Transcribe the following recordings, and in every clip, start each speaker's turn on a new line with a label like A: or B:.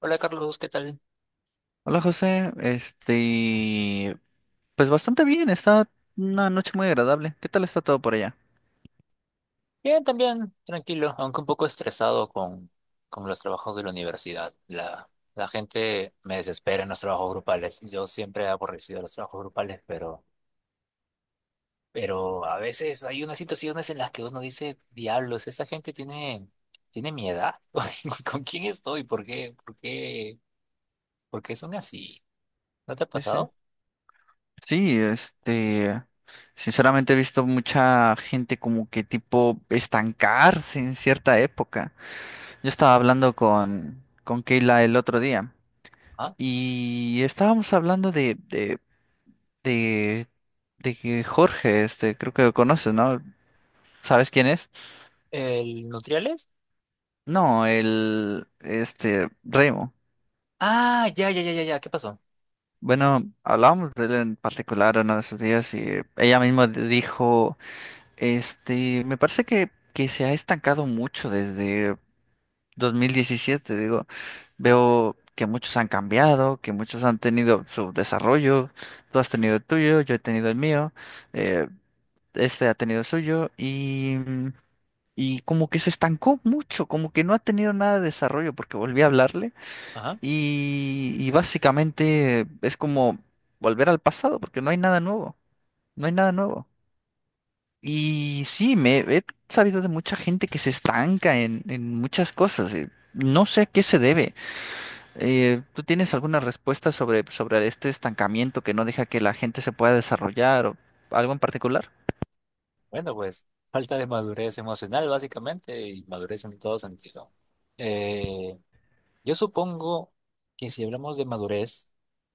A: Hola Carlos, ¿qué tal?
B: Hola José, pues bastante bien, está una noche muy agradable. ¿Qué tal está todo por allá?
A: Bien, también, tranquilo, aunque un poco estresado con los trabajos de la universidad. La gente me desespera en los trabajos grupales. Yo siempre he aborrecido los trabajos grupales, pero a veces hay unas situaciones en las que uno dice, diablos, esta gente tiene mi edad. ¿Con quién estoy? ¿Por qué? ¿Por qué? ¿Por qué son así? ¿No te ha
B: Sí, sí.
A: pasado?
B: Sí, sinceramente he visto mucha gente como que tipo estancarse en cierta época. Yo estaba hablando con Keila el otro día
A: ¿Ah?
B: y estábamos hablando de, de que Jorge, creo que lo conoces, ¿no? ¿Sabes quién es?
A: ¿El Nutriales?
B: No, el, Remo.
A: Ah, ya, ya, ya, ya, ya. ¿Qué pasó?
B: Bueno, hablábamos de él en particular uno de esos días y ella misma dijo, me parece que se ha estancado mucho desde 2017, digo, veo que muchos han cambiado, que muchos han tenido su desarrollo, tú has tenido el tuyo, yo he tenido el mío, eh, este ha tenido el suyo y como que se estancó mucho, como que no ha tenido nada de desarrollo porque volví a hablarle. Y básicamente es como volver al pasado, porque no hay nada nuevo, no hay nada nuevo. Y sí, me he sabido de mucha gente que se estanca en muchas cosas. No sé a qué se debe. ¿Tú tienes alguna respuesta sobre este estancamiento que no deja que la gente se pueda desarrollar o algo en particular?
A: Bueno, pues falta de madurez emocional básicamente y madurez en todo sentido. Eh, yo supongo que si hablamos de madurez,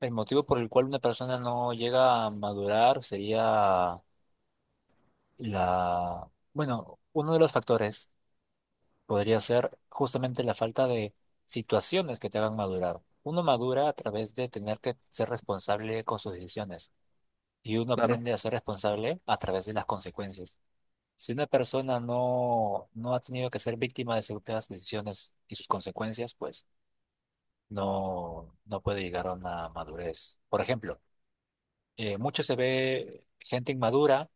A: el motivo por el cual una persona no llega a madurar sería bueno, uno de los factores podría ser justamente la falta de situaciones que te hagan madurar. Uno madura a través de tener que ser responsable con sus decisiones y uno
B: Claro,
A: aprende a ser responsable a través de las consecuencias. Si una persona no ha tenido que ser víctima de ciertas decisiones y sus consecuencias, pues no puede llegar a una madurez. Por ejemplo, mucho se ve gente inmadura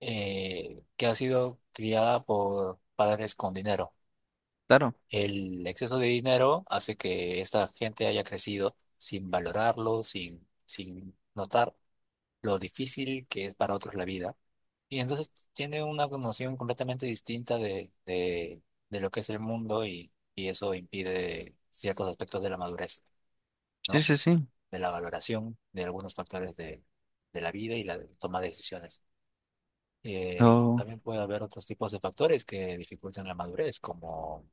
A: que ha sido criada por padres con dinero.
B: claro.
A: El exceso de dinero hace que esta gente haya crecido sin valorarlo, sin notar lo difícil que es para otros la vida. Y entonces tiene una noción completamente distinta de lo que es el mundo y eso impide ciertos aspectos de la madurez,
B: Sí,
A: ¿no?
B: sí, sí.
A: De la valoración de algunos factores de la vida y la toma de decisiones.
B: Oh.
A: También puede haber otros tipos de factores que dificultan la madurez,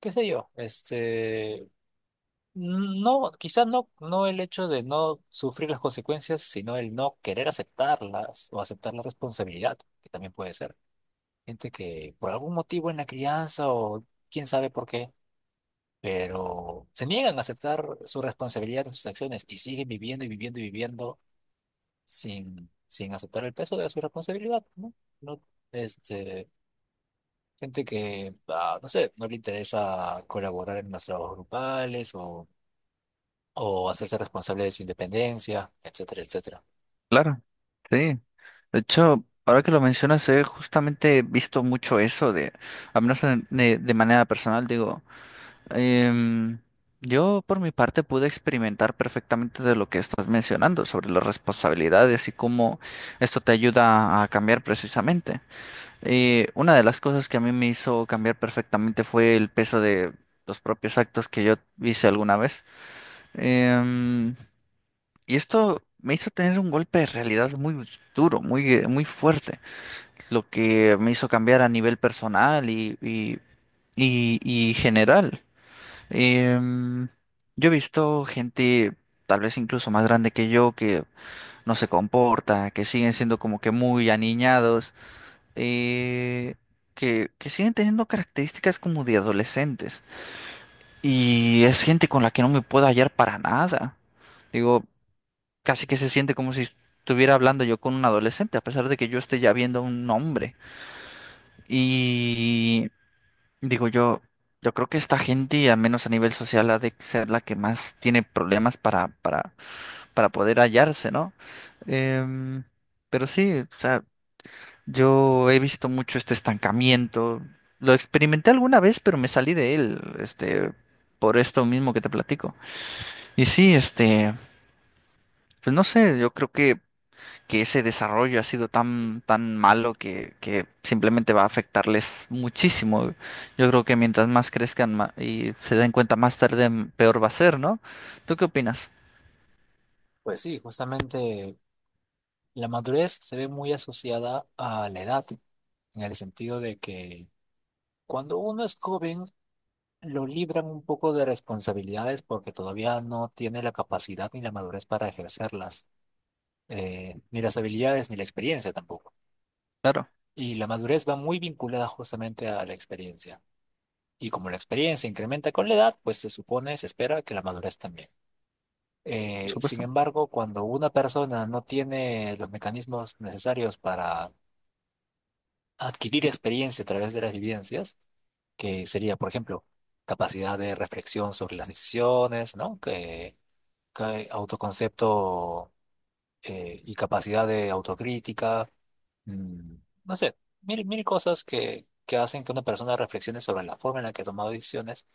A: qué sé yo, no, quizás no, no el hecho de no sufrir las consecuencias, sino el no querer aceptarlas o aceptar la responsabilidad, que también puede ser. Gente que por algún motivo en la crianza o quién sabe por qué, pero se niegan a aceptar su responsabilidad de sus acciones y siguen viviendo y viviendo y viviendo sin aceptar el peso de su responsabilidad, ¿no? No, este, gente que, no sé, no le interesa colaborar en los trabajos grupales o hacerse responsable de su independencia, etcétera, etcétera.
B: Claro, sí. De hecho, ahora que lo mencionas, he justamente visto mucho eso de, al menos de manera personal, digo, em, yo por mi parte pude experimentar perfectamente de lo que estás mencionando sobre las responsabilidades y cómo esto te ayuda a cambiar precisamente. Una de las cosas que a mí me hizo cambiar perfectamente fue el peso de los propios actos que yo hice alguna vez. Em, y esto me hizo tener un golpe de realidad muy duro, muy fuerte, lo que me hizo cambiar a nivel personal y general. Em, yo he visto gente, tal vez incluso más grande que yo, que no se comporta, que siguen siendo como que muy aniñados, eh, que siguen teniendo características como de adolescentes. Y es gente con la que no me puedo hallar para nada. Digo, casi que se siente como si estuviera hablando yo con un adolescente, a pesar de que yo esté ya viendo a un hombre. Y digo yo, yo creo que esta gente, al menos a nivel social, ha de ser la que más tiene problemas para poder hallarse, ¿no? Em, pero sí, o sea, yo he visto mucho este estancamiento. Lo experimenté alguna vez, pero me salí de él, por esto mismo que te platico. Y sí, pues no sé, yo creo que ese desarrollo ha sido tan malo que simplemente va a afectarles muchísimo. Yo creo que mientras más crezcan y se den cuenta más tarde, peor va a ser, ¿no? ¿Tú qué opinas?
A: Pues sí, justamente la madurez se ve muy asociada a la edad, en el sentido de que cuando uno es joven, lo libran un poco de responsabilidades porque todavía no tiene la capacidad ni la madurez para ejercerlas, ni las habilidades ni la experiencia tampoco.
B: Claro,
A: Y la madurez va muy vinculada justamente a la experiencia. Y como la experiencia incrementa con la edad, pues se supone, se espera que la madurez también.
B: por
A: Sin
B: supuesto.
A: embargo, cuando una persona no tiene los mecanismos necesarios para adquirir experiencia a través de las vivencias, que sería, por ejemplo, capacidad de reflexión sobre las decisiones, ¿no? Que autoconcepto y capacidad de autocrítica, mm, no sé, mil cosas que hacen que una persona reflexione sobre la forma en la que ha tomado decisiones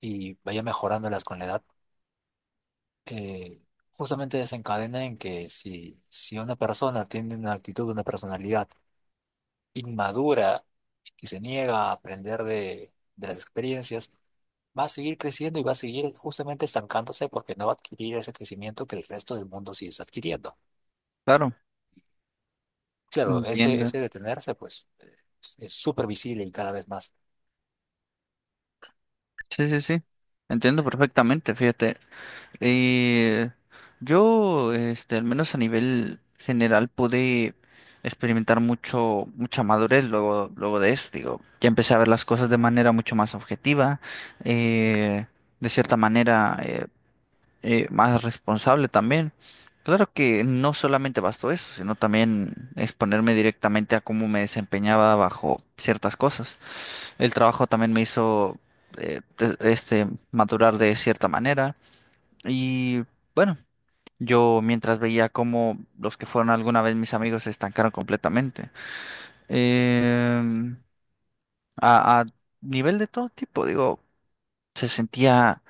A: y vaya mejorándolas con la edad. eh, Justamente desencadena en que si una persona tiene una actitud, una personalidad, inmadura que se niega a aprender de las experiencias, va a seguir creciendo y va a seguir justamente estancándose porque no va a adquirir ese crecimiento que el resto del mundo sí está adquiriendo.
B: Claro,
A: Claro,
B: entiendo.
A: ese detenerse, pues, es súper visible y cada vez más.
B: Sí, sí, sí. Entiendo perfectamente, fíjate. Eh, yo, al menos a nivel general, pude experimentar mucha madurez luego, luego de esto. Digo, ya empecé a ver las cosas de manera mucho más objetiva, eh, de cierta manera, más responsable también. Claro que no solamente bastó eso, sino también exponerme directamente a cómo me desempeñaba bajo ciertas cosas. El trabajo también me hizo, madurar de cierta manera y bueno. Yo mientras veía cómo los que fueron alguna vez mis amigos se estancaron completamente. Em, a nivel de todo tipo, digo, se sentía,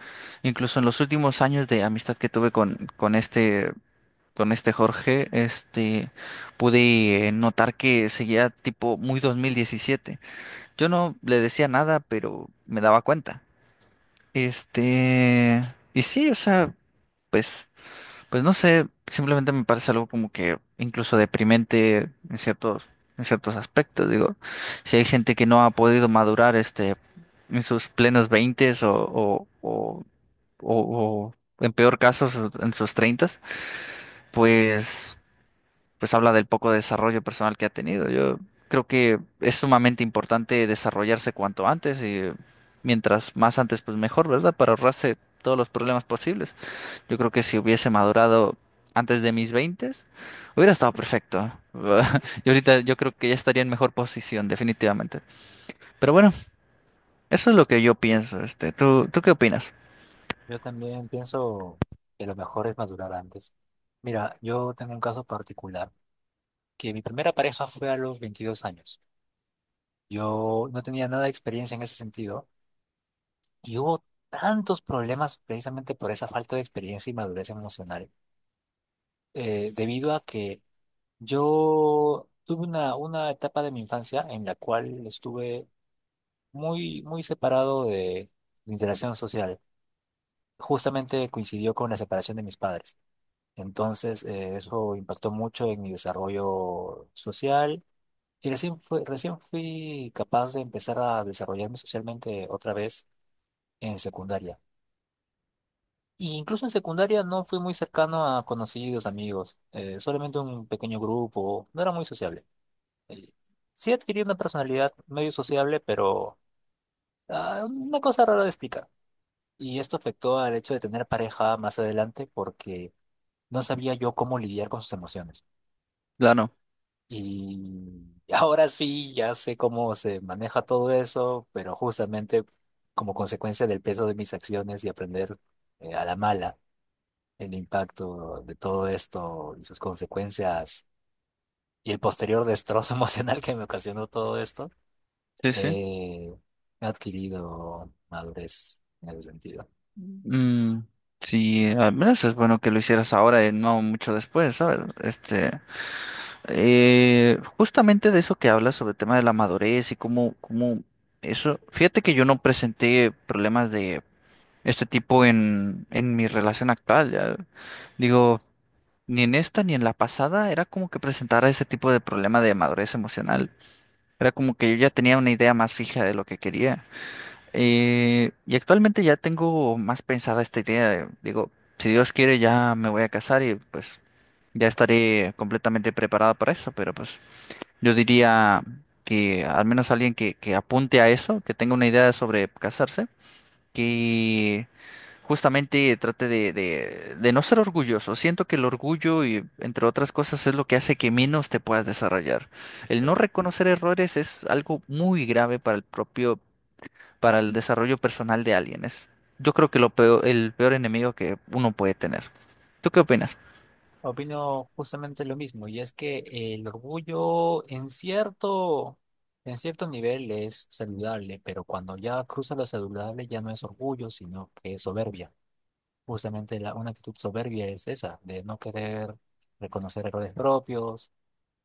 B: incluso en los últimos años de amistad que tuve con este Jorge, pude notar que seguía tipo muy 2017. Yo no le decía nada, pero me daba cuenta. Este, y sí, o sea, pues. Pues no sé, simplemente me parece algo como que incluso deprimente en ciertos aspectos. Digo, si hay gente que no ha podido madurar en sus plenos veintes o- o, en peor caso en sus treintas, pues, pues habla del poco desarrollo personal que ha tenido. Yo creo que es sumamente importante desarrollarse cuanto antes y mientras más antes, pues mejor, ¿verdad? Para ahorrarse todos los problemas posibles. Yo creo que si hubiese madurado antes de mis 20, hubiera estado perfecto. Y ahorita yo creo que ya estaría en mejor posición, definitivamente. Pero bueno, eso es lo que yo pienso. ¿Tú qué opinas?
A: Yo también pienso que lo mejor es madurar antes. Mira, yo tengo un caso particular, que mi primera pareja fue a los 22 años. Yo no tenía nada de experiencia en ese sentido. Y hubo tantos problemas precisamente por esa falta de experiencia y madurez emocional, debido a que yo tuve una etapa de mi infancia en la cual estuve muy separado de la interacción social. Justamente coincidió con la separación de mis padres. Entonces, eso impactó mucho en mi desarrollo social. Y recién fui capaz de empezar a desarrollarme socialmente otra vez en secundaria. Y incluso en secundaria no fui muy cercano a conocidos, amigos, solamente un pequeño grupo, no era muy sociable. Eh, sí adquirí una personalidad medio sociable, pero ah, una cosa rara de explicar. Y esto afectó al hecho de tener pareja más adelante porque no sabía yo cómo lidiar con sus emociones.
B: Claro.
A: Y ahora sí, ya sé cómo se maneja todo eso, pero justamente como consecuencia del peso de mis acciones y aprender a la mala. El impacto de todo esto y sus consecuencias y el posterior destrozo emocional que me ocasionó todo esto,
B: Sí, sí.
A: eh, he adquirido madurez en ese sentido.
B: Mm, sí, al menos es bueno que lo hicieras ahora y no mucho después, ¿sabes? Justamente de eso que hablas sobre el tema de la madurez y cómo eso. Fíjate que yo no presenté problemas de este tipo en mi relación actual. Ya. Digo, ni en esta ni en la pasada era como que presentara ese tipo de problema de madurez emocional. Era como que yo ya tenía una idea más fija de lo que quería. Y actualmente ya tengo más pensada esta idea. Digo, si Dios quiere ya me voy a casar y pues ya estaré completamente preparado para eso. Pero pues yo diría que al menos alguien que apunte a eso, que tenga una idea sobre casarse, que justamente trate de no ser orgulloso. Siento que el orgullo y entre otras cosas es lo que hace que menos te puedas desarrollar. El
A: Eh,
B: no reconocer errores es algo muy grave para el desarrollo personal de alguien. Yo creo que lo peor, el peor enemigo que uno puede tener. ¿Tú qué opinas?
A: Opino justamente lo mismo, y es que el orgullo en cierto nivel es saludable, pero cuando ya cruza lo saludable ya no es orgullo, sino que es soberbia. Justamente una actitud soberbia es esa, de no querer reconocer errores propios,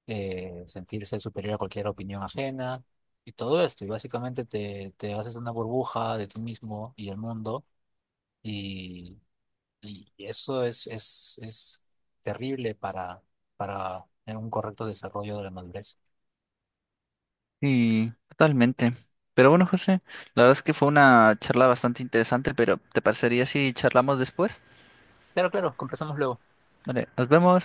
A: sentirse superior a cualquier opinión ajena y todo esto. Y básicamente te haces una burbuja de ti mismo y el mundo y, y es terrible para un correcto desarrollo de la madurez.
B: Sí, totalmente. Pero bueno, José, la verdad es que fue una charla bastante interesante, pero ¿te parecería si charlamos después?
A: Pero claro, conversamos luego.
B: Vale, nos vemos.